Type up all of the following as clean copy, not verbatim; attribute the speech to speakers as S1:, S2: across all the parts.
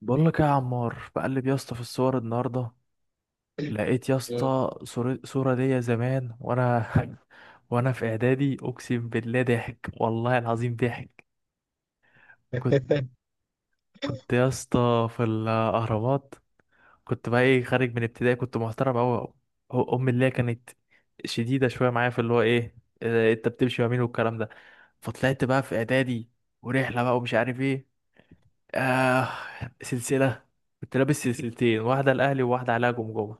S1: بقول لك إيه يا عمار، بقلب يا اسطى في الصور النهارده. لقيت يا
S2: مم.
S1: اسطى صورة ليا زمان وانا. وانا في اعدادي، اقسم بالله ضحك، والله العظيم ضحك. كنت كنت يا اسطى في الاهرامات. كنت بقى ايه، خارج من ابتدائي، كنت محترم قوي. امي اللي هي كانت شديدة شوية معايا في اللي هو ايه، انت بتمشي يمين والكلام ده. فطلعت بقى في اعدادي، ورحلة بقى ومش عارف ايه، آه سلسلة. كنت لابس سلسلتين، واحدة الاهلي وواحدة عليها جمجمة.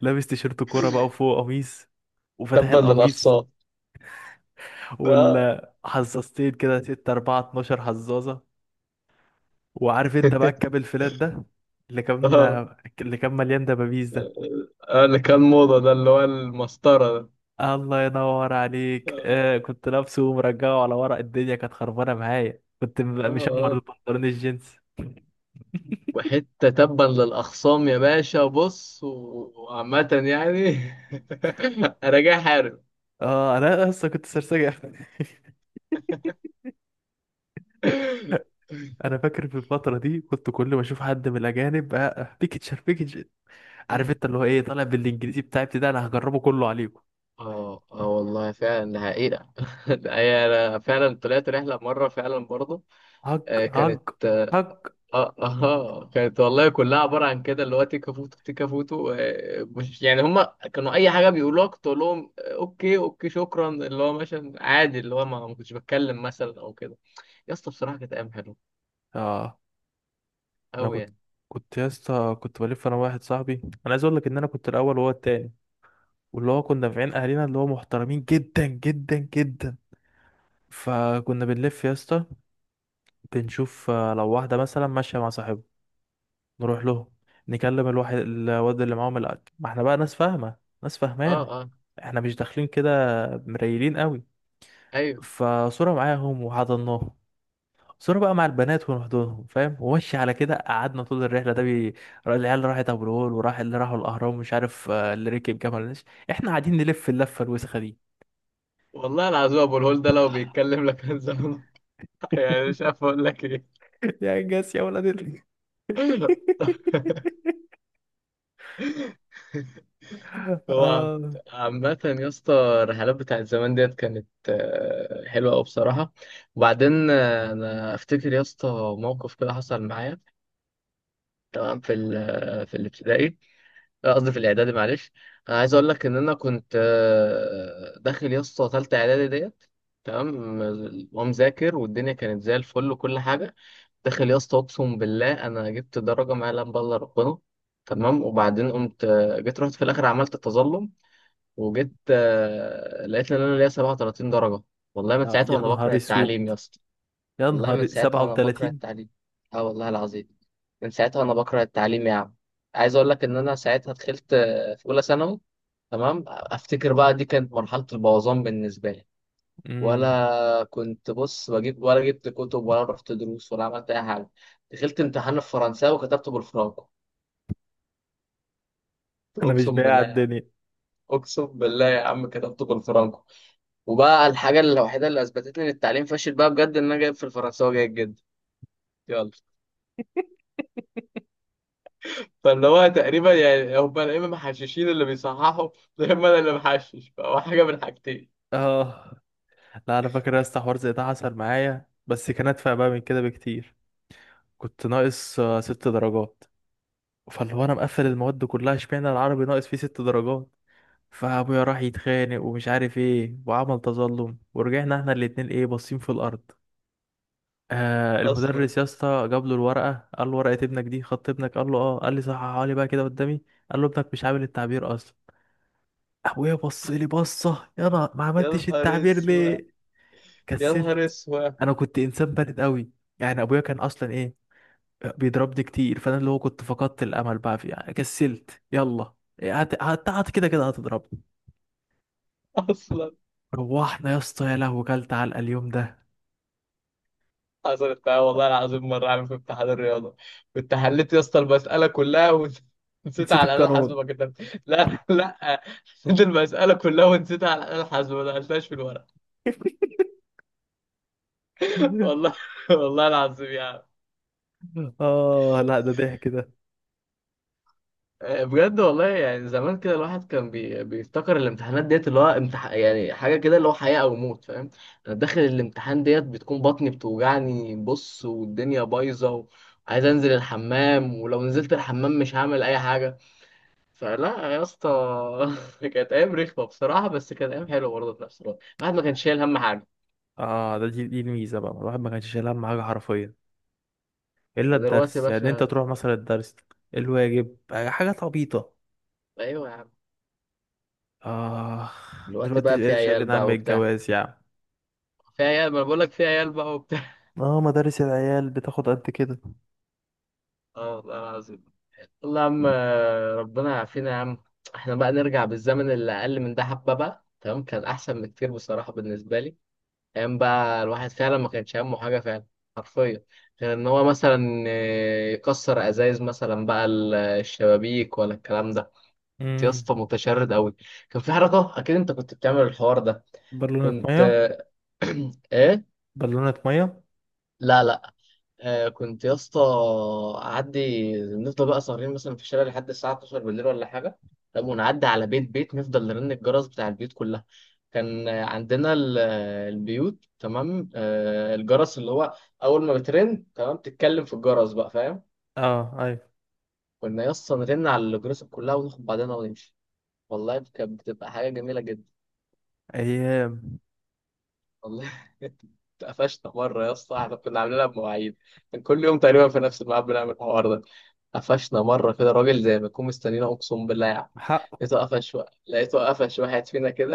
S1: لابس تيشيرت كورة بقى وفوق قميص، وفاتح
S2: تبا
S1: القميص،
S2: للأقصى. آه.
S1: ولا حزازتين كده، 6 4 12 حزازة. وعارف انت بقى الكاب الفلات ده، اللي كان
S2: آه.
S1: اللي كان مليان دبابيس ده.
S2: آه، اللي كان موضة ده اللي هو المسطرة ده.
S1: الله ينور عليك.
S2: آه.
S1: كنت لابسه ومرجعه على ورق، الدنيا كانت خربانة معايا. كنت مشمر
S2: آه.
S1: البنطلون الجينز.
S2: وحتة تبا للأخصام يا باشا، بص وعامة يعني، أنا جاي حارب.
S1: اه انا اصلا كنت سرسجة. انا فاكر في الفترة دي، كنت كل ما اشوف حد من الاجانب، بيكتشر بيكتشر. عارف انت اللي هو ايه، طالع بالانجليزي بتاعي ابتدائي، انا هجربه كله عليكم.
S2: اه والله فعلا ده حقيقة. ده هي انا فعلا طلعت رحلة مرة فعلا برضه.
S1: هج
S2: آه،
S1: هج
S2: كانت،
S1: هج.
S2: اه كانت والله كلها عباره عن كده اللي هو تيكا فوتو تيكا فوتو. آه، مش يعني هم كانوا اي حاجه بيقولوها كنت اقول لهم آه، اوكي اوكي شكرا، اللي هو مثلا عادي اللي هو ما كنتش بتكلم مثلا او كده. يا اسطى بصراحه كانت ايام حلوه
S1: اه انا
S2: قوي يعني.
S1: كنت يا اسطى، كنت بلف انا واحد صاحبي. انا عايز اقول لك ان انا كنت الاول وهو التاني، واللي هو كنا في عين اهالينا اللي هو محترمين جدا جدا جدا. فكنا بنلف يا اسطى، بنشوف لو واحده مثلا ماشيه مع صاحبه، نروح له نكلم الواحد، الواد اللي معاهم الأكل، ما احنا بقى ناس فاهمه، ناس
S2: اه
S1: فاهمانه،
S2: اه
S1: احنا مش داخلين كده مريلين قوي.
S2: ايوه،
S1: فصوره معاهم وحضناهم، صورة بقى مع البنات ونحضنهم، فاهم؟ ومشي على كده. قعدنا طول الرحلة ده العيال راحت أبو الهول، وراح اللي راحوا الأهرام، مش عارف، اللي ركب جمل نسر، احنا قاعدين نلف اللفة الوسخة دي.
S2: والله العظيم ابو الهول ده لو بيتكلم لك كان زمان. يعني مش عارف اقول لك ايه.
S1: يا انجاز يا ولد
S2: هو
S1: آه.
S2: عامة يا اسطى الرحلات بتاعت زمان ديت كانت آه، حلوة أوي بصراحة. وبعدين آه، أنا أفتكر يا اسطى موقف كده حصل معايا، تمام؟ في ال آه، في الابتدائي، آه، قصدي في الإعدادي، معلش. أنا عايز أقول لك إن أنا كنت آه، داخل يا اسطى تالتة إعدادي ديت، تمام؟ ومذاكر والدنيا كانت زي الفل وكل حاجة. داخل يا اسطى أقسم بالله أنا جبت درجة ما يعلم بها إلا ربنا، تمام؟ وبعدين قمت آه، جيت رحت في الآخر عملت تظلم وجيت آه، لقيت ان انا ليا 37 درجه. والله من ساعتها
S1: يا
S2: وانا بكره
S1: نهار
S2: التعليم
S1: اسود،
S2: يا اسطى.
S1: يا
S2: والله من
S1: نهار
S2: ساعتها وانا بكره
S1: 37.
S2: التعليم. اه والله العظيم، من ساعتها وانا بكره التعليم يا عم. عايز اقول لك ان انا ساعتها دخلت آه، في اولى ثانوي، تمام؟ افتكر بقى دي كانت مرحله البوظان بالنسبه لي.
S1: امم
S2: ولا كنت بص بجيب ولا جبت كتب ولا رحت دروس ولا عملت اي حاجه. دخلت امتحان الفرنساوي وكتبته بالفرانكو.
S1: انا مش
S2: اقسم
S1: بايع
S2: بالله يا عم،
S1: الدنيا.
S2: اقسم بالله يا عم كتبته بالفرانكو. وبقى الحاجة الوحيدة اللي أثبتت لي إن التعليم فاشل بقى بجد، إن أنا جايب في الفرنساوي جيد جدا. يلا، فاللي هو تقريبا يعني هم يا إما محششين اللي بيصححوا، يا إما أنا اللي محشش. فهو حاجة من حاجتين.
S1: اه لا، انا فاكر يا اسطى حوار زي ده حصل معايا، بس كان ادفع بقى من كده بكتير. كنت ناقص 6 درجات. فاللي هو انا مقفل المواد كلها، اشمعنى العربي ناقص فيه 6 درجات. فابويا راح يتخانق ومش عارف ايه، وعمل تظلم، ورجعنا احنا الاتنين ايه، باصين في الارض.
S2: أصلا.
S1: المدرس يا اسطى جاب له الورقه، قال له ورقه ابنك دي، خط ابنك؟ قال له اه. قال لي صححها لي بقى كده قدامي. قال له ابنك مش عامل التعبير اصلا. ابويا بص لي بصه، يا انا ما
S2: يا
S1: عملتش
S2: نهار
S1: التعبير
S2: أسود،
S1: ليه؟
S2: يا
S1: كسلت.
S2: نهار أسود.
S1: انا كنت انسان بارد قوي. يعني ابويا كان اصلا ايه، بيضربني كتير، فانا اللي هو كنت فقدت الامل بقى في يعني، كسلت يلا، هت... هت... هت كده كده هتضربني.
S2: أصلا.
S1: روحنا يا اسطى، يا لهوي كلت علقه اليوم ده.
S2: حصلت معايا والله العظيم مرة، عامل في امتحان الرياضة، كنت حليت يا اسطى المسألة كلها ونسيت
S1: نسيت
S2: على الآلة الحاسبة
S1: القانون.
S2: ما كتبت، لا. حليت المسألة كلها ونسيت على الآلة الحاسبة ما دخلتهاش في الورق. والله، والله العظيم يعني.
S1: اه لا ده ضحك ده.
S2: آه، بجد والله، يعني زمان كده الواحد كان بيفتكر الامتحانات ديت اللي هو يعني حاجة كده اللي هو حياة أو موت، فاهم؟ أنا داخل الامتحان ديت بتكون بطني بتوجعني، بص والدنيا بايظة، وعايز أنزل الحمام، ولو نزلت الحمام مش هعمل أي حاجة. فلا يا اسطى، كانت أيام رخمة بصراحة، بس كانت أيام حلوة برضه في نفس الوقت. الواحد ما كانش شايل هم حاجة.
S1: اه، دي الميزه بقى، الواحد ما كانش شايل هم حاجه حرفيا، الا
S2: دلوقتي يا
S1: الدرس. يعني انت
S2: باشا.
S1: تروح مثلا الدرس، الواجب، حاجات عبيطه.
S2: أيوه يا عم.
S1: اه
S2: دلوقتي
S1: دلوقتي
S2: بقى في
S1: بقيت
S2: عيال
S1: شايلين هم
S2: بقى وبتاع.
S1: الجواز يعني.
S2: في عيال، ما أنا بقول لك في عيال بقى وبتاع.
S1: اه مدارس العيال بتاخد قد كده.
S2: اه والله العظيم. والله يا عم آه، ربنا يعافينا يا عم. احنا بقى نرجع بالزمن اللي اقل من ده حبه بقى، تمام؟ كان احسن بكتير بصراحه بالنسبه لي. ايام بقى الواحد فعلا ما كانش همه حاجه فعلا، حرفيا. غير ان هو مثلا آه، يكسر ازايز مثلا بقى الشبابيك ولا الكلام ده. كنت يا
S1: امم
S2: اسطى متشرد قوي. كان في حركه اكيد انت كنت بتعمل الحوار ده.
S1: بالونة
S2: كنت
S1: ميه،
S2: آه، ايه،
S1: بالونة مية.
S2: لا، آه كنت يا اسطى اعدي، نفضل بقى سهرين مثلا في الشارع لحد الساعه 12 بالليل ولا حاجه. طب ونعدي على بيت بيت، نفضل نرن الجرس بتاع البيوت كلها. كان آه، عندنا آه، البيوت، تمام، آه الجرس اللي هو اول ما بترن تمام، تتكلم في الجرس بقى، فاهم؟
S1: اه ايوه.
S2: كنا يا اسطى نرن على الجرس كلها وناخد بعضنا ونمشي. والله كانت بتبقى حاجه جميله جدا.
S1: ايام.
S2: والله. اتقفشنا مرة يا اسطى، احنا كنا عاملينها بمواعيد، كان كل يوم تقريبا في نفس الميعاد بنعمل الحوار ده. قفشنا مرة كده راجل زي ما يكون مستنينا، أقسم بالله يعني.
S1: حق.
S2: لقيته قفش لقيته قفش واحد فينا كده.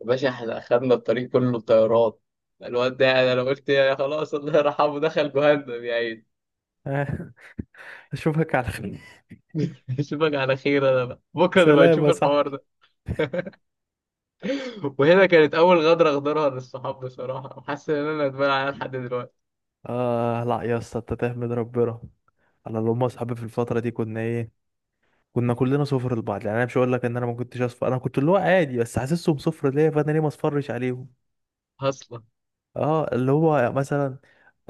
S2: يا باشا احنا أخدنا الطريق كله طيارات. الواد ده يعني أنا قلت يا خلاص الله يرحمه، دخل جهنم يا عيني.
S1: آه. اشوفك على خير.
S2: أشوفك على خير، أنا بقى بكرة نبقى
S1: سلام
S2: نشوف
S1: يا
S2: الحوار
S1: صاحبي.
S2: ده. وهنا كانت أول غدرة أغدرها للصحاب بصراحة، وحاسس إن أنا ندمان عليها لحد دلوقتي.
S1: اه لا يا اسطى، انت تحمد ربنا. انا اللي هم اصحابي في الفتره دي كنا ايه، كنا كلنا صفر لبعض. يعني انا مش هقول لك ان انا ما كنتش اصفر، انا كنت اللي هو عادي، بس حاسسهم صفر ليا، فانا ليه ما اصفرش عليهم؟
S2: أصلا.
S1: اه اللي هو مثلا،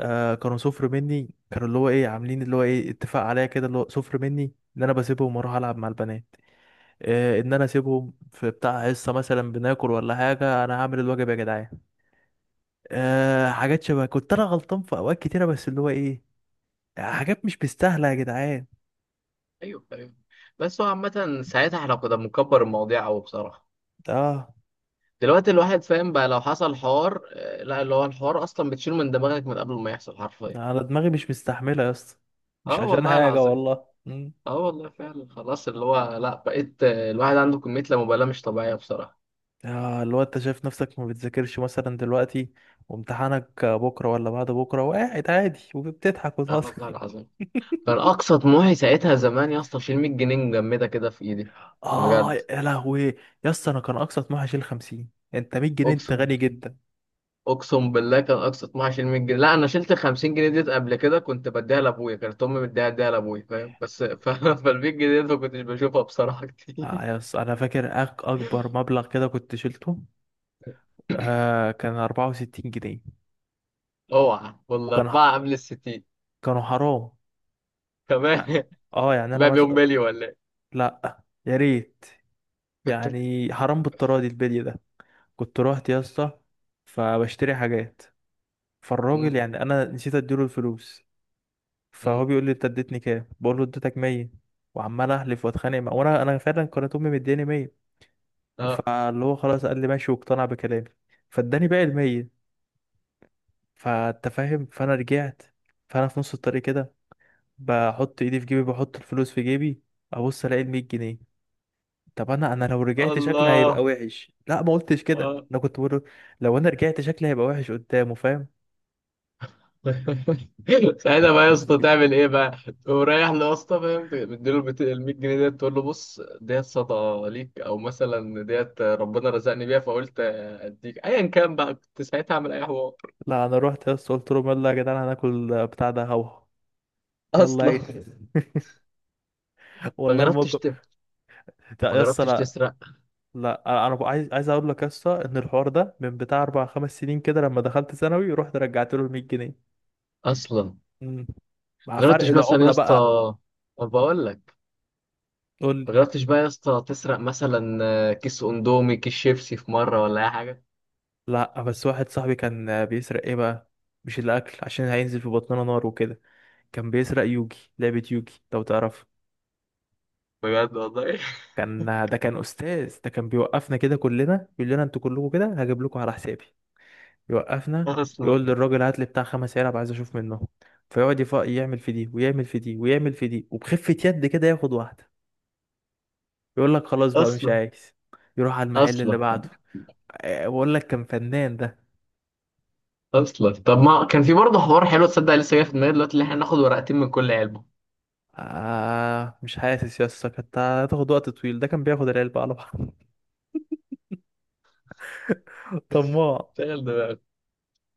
S1: كانوا صفر مني، كانوا اللي هو ايه، عاملين اللي هو ايه اتفاق عليا كده، اللي هو صفر مني، ان انا بسيبهم واروح العب مع البنات، ان انا اسيبهم في بتاع حصه مثلا، بناكل ولا حاجه، انا هعمل الواجب يا جدعان. حاجات شبه، كنت انا غلطان في اوقات كتيره، بس اللي هو ايه، حاجات مش مستاهله يا جدعان.
S2: ايوه ايوه. بس هو عامة ساعتها احنا كنا بنكبر المواضيع قوي بصراحة.
S1: اه
S2: دلوقتي الواحد فاهم بقى، لو حصل حوار آه، لا اللي هو الحوار اصلا بتشيله من دماغك من قبل ما يحصل، حرفيا.
S1: انا دماغي مش مستحمله يا اسطى، مش
S2: اه
S1: عشان
S2: والله
S1: حاجه
S2: العظيم.
S1: والله. مم.
S2: اه والله فعلا، خلاص اللي هو لا، بقيت آه، الواحد عنده كمية لا مبالاة مش طبيعية بصراحة.
S1: اه اللي هو انت شايف نفسك ما بتذاكرش مثلا دلوقتي، وامتحانك بكره ولا بعد بكره، وقاعد عادي وبتضحك
S2: اه والله
S1: وتهزر.
S2: العظيم. كان اقصى طموحي ساعتها زمان يا اسطى اشيل 100 جنيه مجمدة كده في ايدي.
S1: اه
S2: بجد.
S1: يا لهوي. يا اسطى انا كان اقصى طموحي اشيل 50. انت 100 جنيه، انت
S2: اقسم
S1: غني.
S2: بالله. اقسم بالله كان اقصى 12 100 جنيه. لا انا شلت 50 جنيه ديت قبل كده، كنت بديها لابويا، كانت امي مديها ديها لابويا، فاهم؟ بس فال 100 جنيه ديت ما كنتش بشوفها بصراحه كتير.
S1: يس انا فاكر اكبر مبلغ كده كنت شلته، كان 64 جنيه.
S2: اوعى
S1: وكان،
S2: والاربعه قبل ال 60
S1: كانوا حرام. يعني-
S2: كمان.
S1: اه يعني انا
S2: تبقى بيوم
S1: مثلا.
S2: مالي ولا ايه.
S1: لا يا ريت. يعني حرام بالتراضي البلي ده. كنت رحت يا اسطى فبشتري حاجات، فالراجل،
S2: مم.
S1: يعني انا نسيت اديله الفلوس،
S2: مم.
S1: فهو بيقول لي انت اديتني كام؟ بقول له اديتك 100. وعمال احلف واتخانق معاه، وانا فعلا كانت امي مدياني 100.
S2: اه.
S1: فاللي هو خلاص قال لي ماشي، واقتنع بكلامي فاداني باقي ال 100. فانت فاهم. فانا رجعت، فانا في نص الطريق كده بحط ايدي في جيبي، بحط الفلوس في جيبي، ابص الاقي ال 100 جنيه. طب انا لو رجعت شكلي
S2: الله.
S1: هيبقى وحش، لا ما قلتش كده،
S2: اه.
S1: انا كنت بقول له لو انا رجعت شكلي هيبقى وحش قدامه، فاهم؟
S2: ساعتها بقى يا اسطى تعمل ايه بقى؟ تقوم رايح له يا اسطى، فاهم؟ مديله ال 100 جنيه ديت، تقول له بص ديت صدقه ليك او مثلا ديت ربنا رزقني بيها فقلت اديك، ايا كان بقى كنت ساعتها اعمل اي حوار.
S1: لا انا رحت يا اسطى قلت لهم يلا يا جدعان هناكل بتاع ده، هوا يلا
S2: اصلا.
S1: ايه.
S2: ما
S1: والله
S2: جربتش
S1: الموقف. لا
S2: ما
S1: يا اسطى
S2: جربتش
S1: لا.
S2: تسرق.
S1: لا، انا بقى عايز اقول لك يا اسطى ان الحوار ده من بتاع 4 5 سنين كده، لما دخلت ثانوي، رحت رجعت له ال 100 جنيه.
S2: اصلا.
S1: مم. مع
S2: ما
S1: فرق
S2: جربتش مثلا يا
S1: العملة
S2: اسطى،
S1: بقى.
S2: ما بقول لك،
S1: قول.
S2: ما جربتش بقى يا اسطى تسرق مثلا آه، كيس اندومي كيس شيبسي في مره ولا اي حاجه.
S1: لا بس واحد صاحبي كان بيسرق ايه بقى، مش الاكل عشان هينزل في بطننا نار وكده، كان بيسرق يوجي، لعبة يوجي لو تعرف.
S2: بجد والله.
S1: كان، ده كان استاذ ده، كان بيوقفنا كده كلنا، يقول لنا انتوا كلكم كده هجيب لكم على حسابي، يوقفنا
S2: اصلا.
S1: يقول للراجل هات لي بتاع خمس علب عايز اشوف منه، فيقعد يعمل في دي ويعمل في دي ويعمل في دي، وبخفة يد كده ياخد واحدة، يقول لك خلاص بقى مش
S2: اصلا.
S1: عايز، يروح على المحل اللي
S2: اصلا.
S1: بعده. أه، بقول لك كان فنان ده.
S2: اصلا طب ما كان في برضه حوار حلو، تصدق لسه جاي في دماغي دلوقتي، اللي احنا ناخد ورقتين من كل علبه.
S1: مش حاسس يا اسطى، كانت هتاخد وقت طويل، ده كان بياخد العلبة على بعض. طماع.
S2: شغل دماغك.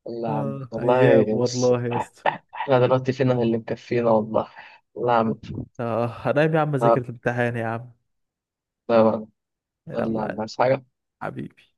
S2: والله يا عم،
S1: اه ايام
S2: والله بص
S1: والله يا اسطى.
S2: احنا دلوقتي فينا اللي مكفينا، والله. والله يا عم.
S1: اه هنام يا عم،
S2: لا،
S1: اذاكر الامتحان يا عم.
S2: لا، والله يا عم
S1: يلا.
S2: بس
S1: حبيبي.